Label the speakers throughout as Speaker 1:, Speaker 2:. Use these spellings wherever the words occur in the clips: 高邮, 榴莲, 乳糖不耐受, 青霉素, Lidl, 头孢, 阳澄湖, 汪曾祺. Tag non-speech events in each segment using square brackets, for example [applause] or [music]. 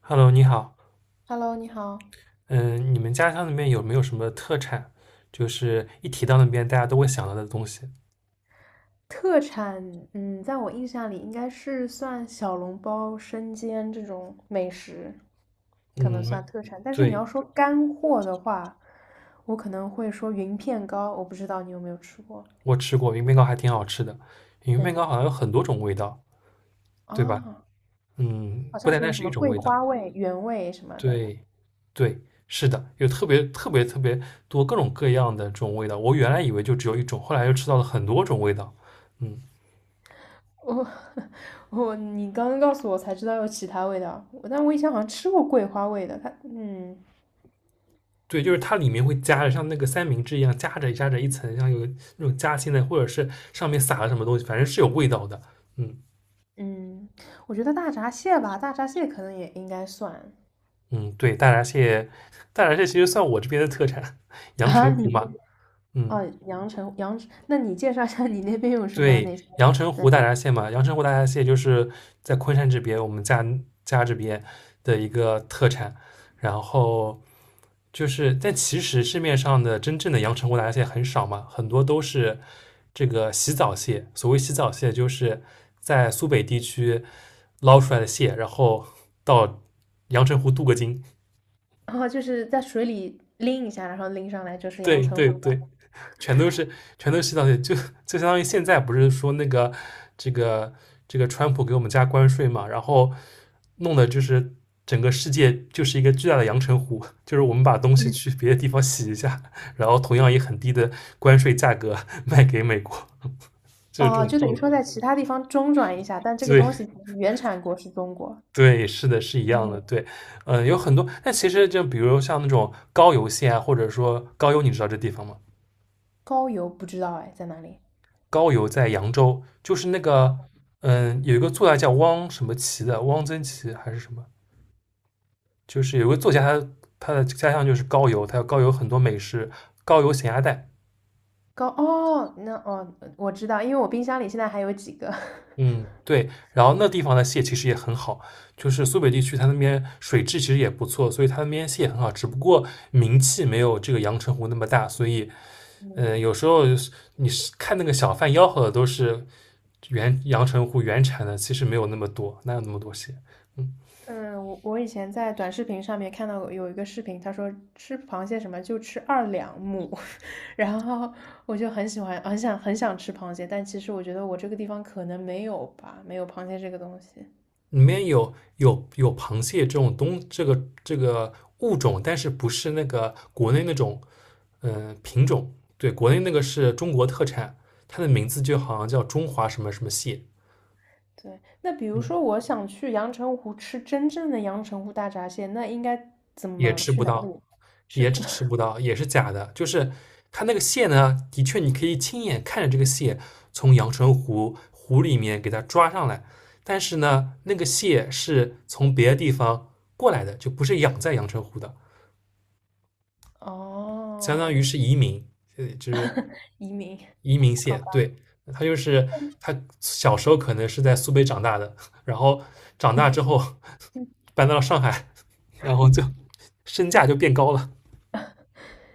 Speaker 1: Hello，你好，
Speaker 2: Hello，你好。
Speaker 1: 嗯，你们家乡那边有没有什么特产？就是一提到那边，大家都会想到的东西。
Speaker 2: 特产，在我印象里应该是算小笼包、生煎这种美食，可能
Speaker 1: 嗯，没，
Speaker 2: 算特产。但是你
Speaker 1: 对，
Speaker 2: 要说干货的话，我可能会说云片糕，我不知道你有没有吃过。
Speaker 1: 我吃过云面糕，还挺好吃的。云面
Speaker 2: 对，
Speaker 1: 糕好像有很多种味道，对吧？
Speaker 2: 啊，好
Speaker 1: 不
Speaker 2: 像
Speaker 1: 单
Speaker 2: 是
Speaker 1: 单
Speaker 2: 有什
Speaker 1: 是
Speaker 2: 么
Speaker 1: 一种
Speaker 2: 桂
Speaker 1: 味道。
Speaker 2: 花味、原味什么的。
Speaker 1: 对，对，是的，有特别多各种各样的这种味道。我原来以为就只有一种，后来又吃到了很多种味道。嗯。
Speaker 2: 我 [laughs] 我你刚刚告诉我才知道有其他味道，但我以前好像吃过桂花味的。它，嗯
Speaker 1: 对，就是它里面会夹着像那个三明治一样夹着一层，像有那种夹心的，或者是上面撒了什么东西，反正是有味道的。嗯
Speaker 2: 嗯，我觉得大闸蟹吧，大闸蟹可能也应该算。
Speaker 1: 嗯，对，大闸蟹，大闸蟹其实算我这边的特产，阳
Speaker 2: 啊，
Speaker 1: 澄
Speaker 2: 你
Speaker 1: 湖嘛。
Speaker 2: 们
Speaker 1: 嗯，
Speaker 2: 哦，阳澄阳澄，那你介绍一下你那边有什么
Speaker 1: 对，
Speaker 2: 那些？
Speaker 1: 阳澄
Speaker 2: 对，
Speaker 1: 湖大闸蟹嘛，阳澄湖大闸蟹就是在昆山这边，我们家这边的一个特产。然后就是，但其实市面上的真正的阳澄湖大闸蟹很少嘛，很多都是这个洗澡蟹。所谓洗澡蟹，就是在苏北地区捞出来的蟹，然后到阳澄湖镀个金。
Speaker 2: 然后就是在水里拎一下，然后拎上来就是阳
Speaker 1: 对
Speaker 2: 澄
Speaker 1: 对
Speaker 2: 湖
Speaker 1: 对，
Speaker 2: 的。
Speaker 1: 全都是全都是洗澡就相当于现在不是说那个这个这个川普给我们加关税嘛，然后弄的就是整个世界就是一个巨大的阳澄湖，[laughs] 就是我们把东西
Speaker 2: 嗯
Speaker 1: 去别的地方洗一下，然后同样以很低的关税价格 [laughs] 卖给美国，[laughs] 就是这
Speaker 2: 哦，
Speaker 1: 种
Speaker 2: 就等
Speaker 1: 套
Speaker 2: 于
Speaker 1: 路。
Speaker 2: 说在其他地方中转一下，但这个
Speaker 1: 对
Speaker 2: 东西其实原产国是中国。
Speaker 1: 对，是的，是一样的。
Speaker 2: 嗯，
Speaker 1: 对，嗯，有很多，但其实就比如像那种高邮县啊，或者说高邮，你知道这地方吗？
Speaker 2: 高邮不知道哎，在哪里？
Speaker 1: 高邮在扬州，就是那个
Speaker 2: 哦，
Speaker 1: 有一个作家叫汪什么琪的，汪曾祺还是什么，就是有一个作家他的家乡就是高邮，他有高邮很多美食，高邮咸鸭蛋，
Speaker 2: 高哦，那哦，我知道，因为我冰箱里现在还有几个。[laughs]
Speaker 1: 嗯，对，然后那地方的蟹其实也很好，就是苏北地区它那边水质其实也不错，所以它那边蟹也很好，只不过名气没有这个阳澄湖那么大，所以
Speaker 2: 嗯
Speaker 1: 有时候你是看那个小贩吆喝的都是原阳澄湖原产的，其实没有那么多，哪有那么多蟹。嗯，
Speaker 2: 嗯，我以前在短视频上面看到有一个视频，他说吃螃蟹什么就吃2两母，[laughs] 然后我就很喜欢，很想很想吃螃蟹，但其实我觉得我这个地方可能没有吧，没有螃蟹这个东西。
Speaker 1: 里面有螃蟹这种东这个这个物种，但是不是那个国内那种品种？对，国内那个是中国特产，它的名字就好像叫中华什么什么蟹，
Speaker 2: 对，那比如
Speaker 1: 嗯，
Speaker 2: 说我想去阳澄湖吃真正的阳澄湖大闸蟹，那应该怎
Speaker 1: 也
Speaker 2: 么
Speaker 1: 吃
Speaker 2: 去
Speaker 1: 不
Speaker 2: 哪
Speaker 1: 到，
Speaker 2: 里吃？
Speaker 1: 也
Speaker 2: 是。
Speaker 1: 只吃
Speaker 2: [laughs]
Speaker 1: 不到，也是假的。就是它那个蟹呢，的确你可以亲眼看着这个蟹从阳澄湖湖里面给它抓上来，但是呢，那个蟹是从别的地方过来的，就不是养在阳澄湖的。相当于
Speaker 2: 哦，
Speaker 1: 是移民，呃就是
Speaker 2: 移民，
Speaker 1: 移民
Speaker 2: 好
Speaker 1: 蟹，
Speaker 2: 吧。
Speaker 1: 对，他就是他小时候可能是在苏北长大的，然后长大之后 [laughs]
Speaker 2: 嗯
Speaker 1: 搬到了上海，然后就身价就变高了。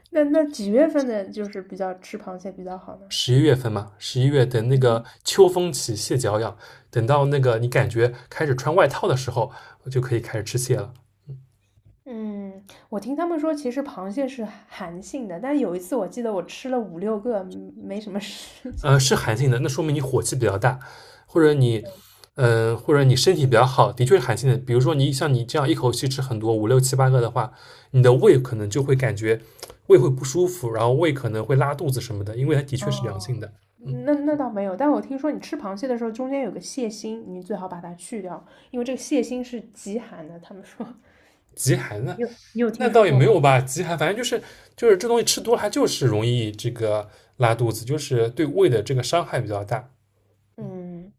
Speaker 2: 那几月份的就是比较吃螃蟹比较好呢？
Speaker 1: 11月份嘛，十一月等那个秋风起，蟹脚痒，等到那个你感觉开始穿外套的时候，就可以开始吃蟹了。
Speaker 2: 嗯，我听他们说，其实螃蟹是寒性的，但有一次我记得我吃了五六个，没什么事情。
Speaker 1: 是寒性的，那说明你火气比较大，或者你，
Speaker 2: [laughs]
Speaker 1: 或者你身体比较好，的确是寒性的。比如说你像你这样一口气吃很多五六七八个的话，你的胃可能就会感觉胃会不舒服，然后胃可能会拉肚子什么的，因为它的确是凉
Speaker 2: 哦，
Speaker 1: 性的。
Speaker 2: 那倒没有，但我听说你吃螃蟹的时候，中间有个蟹心，你最好把它去掉，因为这个蟹心是极寒的。他们说，[laughs]
Speaker 1: 极寒呢，
Speaker 2: 你有
Speaker 1: 那
Speaker 2: 听说
Speaker 1: 倒也
Speaker 2: 过
Speaker 1: 没
Speaker 2: 吗？
Speaker 1: 有吧，极寒反正就是这东西吃多了，它就是容易这个拉肚子，就是对胃的这个伤害比较大。
Speaker 2: 嗯，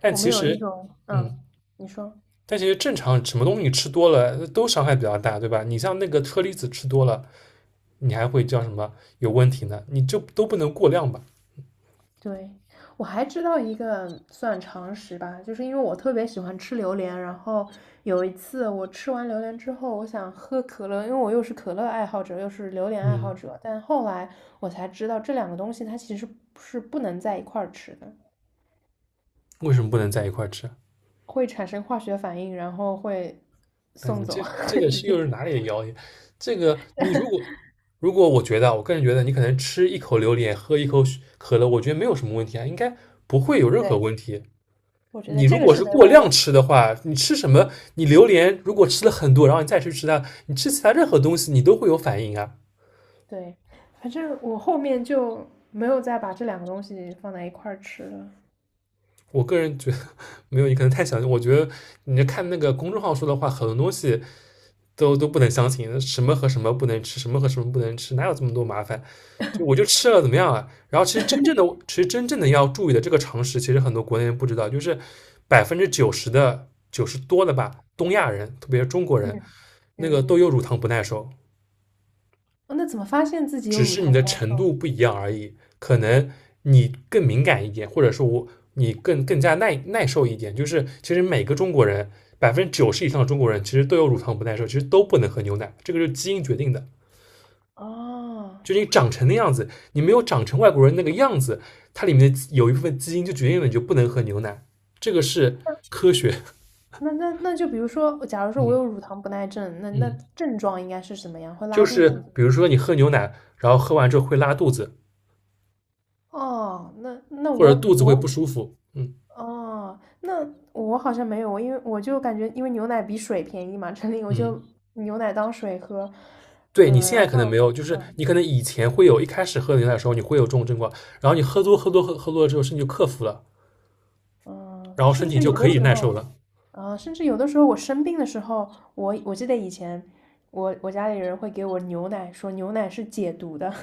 Speaker 1: 但
Speaker 2: 我们
Speaker 1: 其
Speaker 2: 有那
Speaker 1: 实，
Speaker 2: 种，
Speaker 1: 嗯，
Speaker 2: 你说。
Speaker 1: 但其实正常什么东西吃多了都伤害比较大，对吧？你像那个车厘子吃多了，你还会叫什么有问题呢？你就都不能过量吧？
Speaker 2: 对，我还知道一个算常识吧，就是因为我特别喜欢吃榴莲，然后有一次我吃完榴莲之后，我想喝可乐，因为我又是可乐爱好者，又是榴莲爱好
Speaker 1: 嗯，
Speaker 2: 者，但后来我才知道这两个东西它其实是不能在一块儿吃的，
Speaker 1: 为什么不能在一块儿吃？
Speaker 2: 会产生化学反应，然后会
Speaker 1: 那
Speaker 2: 送
Speaker 1: 你
Speaker 2: 走，
Speaker 1: 这这
Speaker 2: [laughs]
Speaker 1: 个
Speaker 2: 直
Speaker 1: 是又
Speaker 2: 接。
Speaker 1: 是哪里的谣言？这个你如果我觉得啊我个人觉得你可能吃一口榴莲，喝一口可乐，我觉得没有什么问题啊，应该不会有任何
Speaker 2: 对，
Speaker 1: 问题。
Speaker 2: 我觉得
Speaker 1: 你如
Speaker 2: 这个
Speaker 1: 果
Speaker 2: 是
Speaker 1: 是
Speaker 2: 没
Speaker 1: 过
Speaker 2: 问
Speaker 1: 量
Speaker 2: 题。
Speaker 1: 吃的话，你吃什么？你榴莲如果吃了很多，然后你再去吃它，你吃其他任何东西，你都会有反应啊。
Speaker 2: 对，反正我后面就没有再把这两个东西放在一块儿吃了。
Speaker 1: 我个人觉得没有，你可能太相信。我觉得你看那个公众号说的话，很多东西都不能相信，什么和什么不能吃，什么和什么不能吃，哪有这么多麻烦？就我就吃了怎么样啊？然后其实真正的，其实真正的要注意的这个常识，其实很多国内人不知道，就是百分之九十的90多的吧，东亚人，特别是中国人，
Speaker 2: 嗯
Speaker 1: 那个
Speaker 2: 嗯。
Speaker 1: 都有乳糖不耐受，
Speaker 2: 哦，那怎么发现自己有
Speaker 1: 只
Speaker 2: 乳
Speaker 1: 是你
Speaker 2: 糖
Speaker 1: 的
Speaker 2: 不耐
Speaker 1: 程
Speaker 2: 受呢？
Speaker 1: 度不一样而已。可能你更敏感一点，或者说我你更加耐受一点。就是其实每个中国人90%以上的中国人其实都有乳糖不耐受，其实都不能喝牛奶，这个就是基因决定的。
Speaker 2: 哦，
Speaker 1: 就你长成的样子，你没有长成外国人那个样子，它里面的有一部分基因就决定了你就不能喝牛奶。这个是，
Speaker 2: 那就比如说，假如说我
Speaker 1: 嗯
Speaker 2: 有乳糖不耐症，那
Speaker 1: 嗯，
Speaker 2: 症状应该是什么样？会
Speaker 1: 就
Speaker 2: 拉肚
Speaker 1: 是
Speaker 2: 子吗？
Speaker 1: 比如说你喝牛奶，然后喝完之后会拉肚子，
Speaker 2: 哦，
Speaker 1: 或者肚子会不舒服，嗯
Speaker 2: 那我好像没有，因为我就感觉因为牛奶比水便宜嘛，这里我
Speaker 1: 嗯。
Speaker 2: 就牛奶当水喝，
Speaker 1: 对你现
Speaker 2: 然
Speaker 1: 在可能
Speaker 2: 后
Speaker 1: 没有，就是
Speaker 2: 嗯
Speaker 1: 你可能以前会有，一开始喝牛奶的时候你会有这种症状，然后你喝多了之后，身体就克服了，
Speaker 2: 嗯，
Speaker 1: 然后身
Speaker 2: 甚
Speaker 1: 体
Speaker 2: 至
Speaker 1: 就
Speaker 2: 有
Speaker 1: 可
Speaker 2: 的
Speaker 1: 以
Speaker 2: 时
Speaker 1: 耐受
Speaker 2: 候。
Speaker 1: 了
Speaker 2: 啊，甚至有的时候我生病的时候，我记得以前我家里人会给我牛奶，说牛奶是解毒的。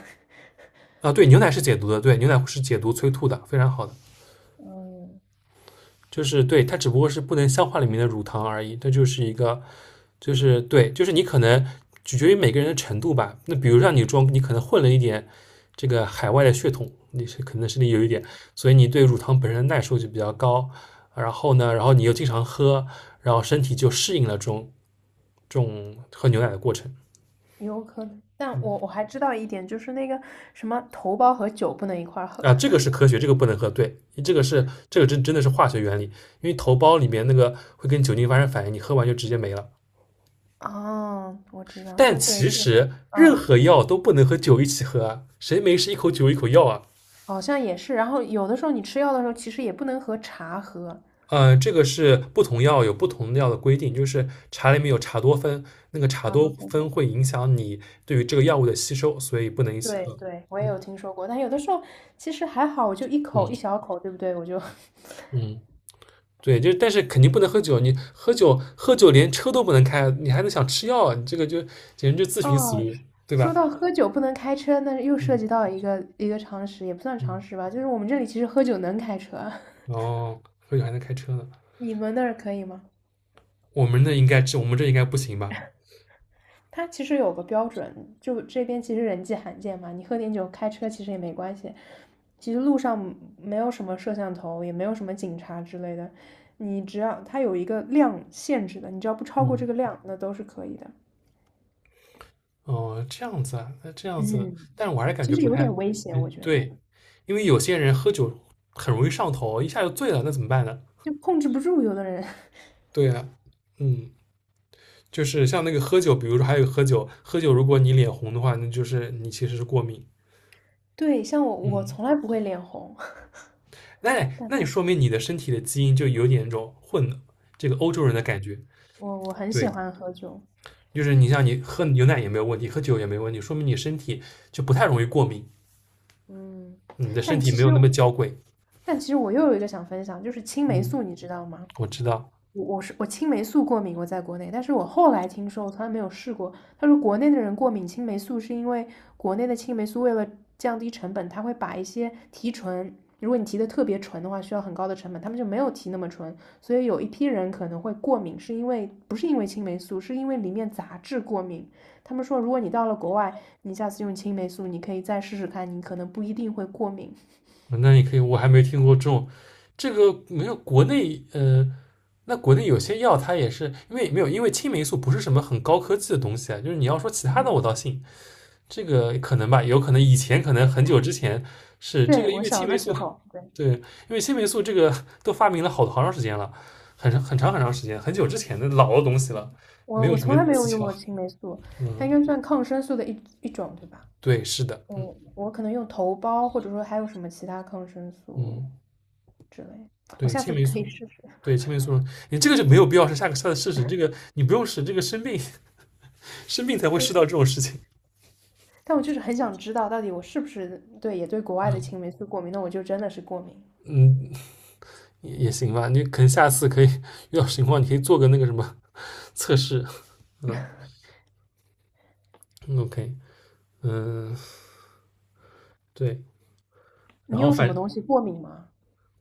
Speaker 1: 啊。对，牛奶是解毒的，对，牛奶是解毒催吐的，非常好的。
Speaker 2: [laughs] 嗯，
Speaker 1: 就是对，它只不过是不能消化里面的乳糖而已，它就是一个，就是对，就是你可能取决于每个人的程度吧。那比如让你装，你可能混了一点这个海外的血统，你是可能身体有一点，所以你对乳糖本身的耐受就比较高。然后呢，然后你又经常喝，然后身体就适应了这种喝牛奶的过程。
Speaker 2: 有可能，但
Speaker 1: 嗯
Speaker 2: 我还知道一点，就是那个什么头孢和酒不能一块儿喝。
Speaker 1: 啊，这个是科学，这个不能喝。对，这个真的是化学原理，因为头孢里面那个会跟酒精发生反应，你喝完就直接没了。
Speaker 2: [laughs] 哦，我知道，这
Speaker 1: 但
Speaker 2: 对
Speaker 1: 其
Speaker 2: 这个
Speaker 1: 实任
Speaker 2: 嗯，
Speaker 1: 何药都不能和酒一起喝啊，谁没事一口酒一口药啊？
Speaker 2: 好像也是。然后有的时候你吃药的时候，其实也不能和茶喝，
Speaker 1: 嗯，这个是不同药有不同的药的规定，就是茶里面有茶多酚，那个茶
Speaker 2: 茶
Speaker 1: 多
Speaker 2: 多喝。
Speaker 1: 酚会影响你对于这个药物的吸收，所以不能一起
Speaker 2: 对
Speaker 1: 喝。
Speaker 2: 对，我也
Speaker 1: 嗯
Speaker 2: 有听说过，但有的时候其实还好，我就一口
Speaker 1: 嗯
Speaker 2: 一小口，对不对？我就。 [laughs]
Speaker 1: 嗯，对，就是但是肯定不能喝酒，你喝酒连车都不能开，你还能想吃药啊？你这个就简直就自寻死
Speaker 2: 哦，
Speaker 1: 路，对吧？
Speaker 2: 说到喝酒不能开车，那又涉
Speaker 1: 嗯
Speaker 2: 及到一个常识，也不算
Speaker 1: 嗯，
Speaker 2: 常识吧，就是我们这里其实喝酒能开车，
Speaker 1: 哦，喝酒还能开车呢，
Speaker 2: [laughs] 你们那儿可以吗？
Speaker 1: 我们这应该不行吧？
Speaker 2: 它其实有个标准，就这边其实人迹罕见嘛，你喝点酒开车其实也没关系。其实路上没有什么摄像头，也没有什么警察之类的，你只要它有一个量限制的，你只要不超过
Speaker 1: 嗯。
Speaker 2: 这个量，那都是可以的。
Speaker 1: 哦，这样子啊，那这样子，
Speaker 2: 嗯，
Speaker 1: 但是我还是感
Speaker 2: 其
Speaker 1: 觉
Speaker 2: 实
Speaker 1: 不
Speaker 2: 有
Speaker 1: 太，
Speaker 2: 点危险，
Speaker 1: 哎，
Speaker 2: 我觉得
Speaker 1: 对，因为有些人喝酒很容易上头，一下就醉了，那怎么办呢？
Speaker 2: 就控制不住有的人。[laughs]
Speaker 1: 对啊，嗯，就是像那个喝酒，比如说还有喝酒，喝酒如果你脸红的话，那就是你其实是过敏。
Speaker 2: 对，像我，我
Speaker 1: 嗯，
Speaker 2: 从来不会脸红，[laughs]
Speaker 1: 那
Speaker 2: 但
Speaker 1: 那你说明你的身体的基因就有点那种混这个欧洲人的感觉。
Speaker 2: 我很喜
Speaker 1: 对，
Speaker 2: 欢喝酒，
Speaker 1: 就是你像你喝牛奶也没有问题，喝酒也没问题，说明你身体就不太容易过敏，
Speaker 2: 嗯，
Speaker 1: 你的身
Speaker 2: 但
Speaker 1: 体
Speaker 2: 其
Speaker 1: 没有
Speaker 2: 实
Speaker 1: 那么娇贵。
Speaker 2: 但其实我又有一个想分享，就是青霉
Speaker 1: 嗯，
Speaker 2: 素，你知道吗？
Speaker 1: 我知道。
Speaker 2: 我青霉素过敏，我在国内，但是我后来听说，我从来没有试过。他说国内的人过敏青霉素是因为国内的青霉素为了降低成本，他会把一些提纯，如果你提的特别纯的话，需要很高的成本，他们就没有提那么纯，所以有一批人可能会过敏，是因为不是因为青霉素，是因为里面杂质过敏。他们说，如果你到了国外，你下次用青霉素，你可以再试试看，你可能不一定会过敏。
Speaker 1: 那你可以，我还没听过这种，这个没有国内，那国内有些药它也是因为没有，因为青霉素不是什么很高科技的东西啊，就是你要说其他的我倒信，这个可能吧，有可能以前可能很久之前是这
Speaker 2: 对，
Speaker 1: 个，因
Speaker 2: 我
Speaker 1: 为青
Speaker 2: 小
Speaker 1: 霉
Speaker 2: 的
Speaker 1: 素，
Speaker 2: 时候，
Speaker 1: [laughs]
Speaker 2: 对。
Speaker 1: 对，因为青霉素这个都发明了好长时间了，很长很长很长时间，很久之前的老的东西了，没
Speaker 2: 我
Speaker 1: 有
Speaker 2: 我
Speaker 1: 什么
Speaker 2: 从来没有
Speaker 1: 技
Speaker 2: 用
Speaker 1: 巧，
Speaker 2: 过青霉素，它应
Speaker 1: 嗯，
Speaker 2: 该算抗生素的一种，对吧？
Speaker 1: 对，是的，嗯
Speaker 2: 嗯，我可能用头孢，或者说还有什么其他抗生素
Speaker 1: 嗯。
Speaker 2: 之类，我
Speaker 1: 对，
Speaker 2: 下
Speaker 1: 青
Speaker 2: 次
Speaker 1: 霉
Speaker 2: 可以
Speaker 1: 素，
Speaker 2: 试试。
Speaker 1: 对青霉素，你这个就没有必要是下次试试，这个你不用试，这个生病 [laughs] 生病才会试到这种事情。
Speaker 2: 但我就是很想知道，到底我是不是对国外的
Speaker 1: 嗯
Speaker 2: 青霉素过敏？那我就真的是过敏。
Speaker 1: 嗯，也行吧，你可能下次可以遇到情况，你可以做个那个什么测试。嗯嗯，OK，嗯，对，然
Speaker 2: 你
Speaker 1: 后
Speaker 2: 用什么
Speaker 1: 反
Speaker 2: 东西过敏吗？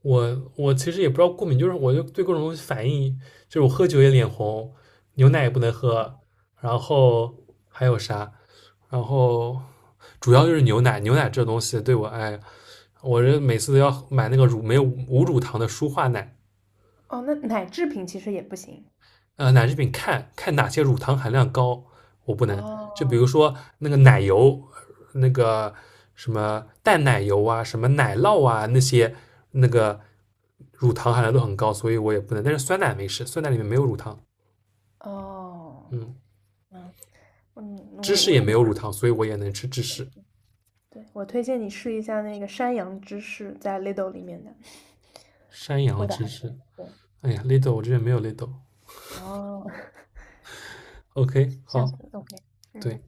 Speaker 1: 我其实也不知道过敏，就是我就对各种东西反应，就是我喝酒也脸红，牛奶也不能喝，然后还有啥，然后主要就是牛奶，牛奶这东西对我哎我这每次都要买那个乳没有无乳糖的舒化奶，
Speaker 2: 哦，那奶制品其实也不行。
Speaker 1: 奶制品看看哪些乳糖含量高，我不能。就比
Speaker 2: 哦，
Speaker 1: 如说那个奶油，那个什么淡奶油啊，什么奶酪啊，那些那个乳糖含量都很高，所以我也不能。但是酸奶没事，酸奶里面没有乳糖，
Speaker 2: 哦，
Speaker 1: 嗯，
Speaker 2: 嗯嗯，
Speaker 1: 芝
Speaker 2: 我
Speaker 1: 士
Speaker 2: 我
Speaker 1: 也
Speaker 2: 就。
Speaker 1: 没有乳糖，所以我也能吃芝士。
Speaker 2: [laughs] 对我推荐你试一下那个山羊芝士，在 Lidl 里面的，
Speaker 1: 山羊
Speaker 2: 味道
Speaker 1: 芝
Speaker 2: 还
Speaker 1: 士，
Speaker 2: 行。对，
Speaker 1: 哎呀，Lidl e 我这边没有 Lidl。e
Speaker 2: 哦
Speaker 1: OK，
Speaker 2: 这
Speaker 1: 好，
Speaker 2: 样次 OK，
Speaker 1: 对，
Speaker 2: 嗯，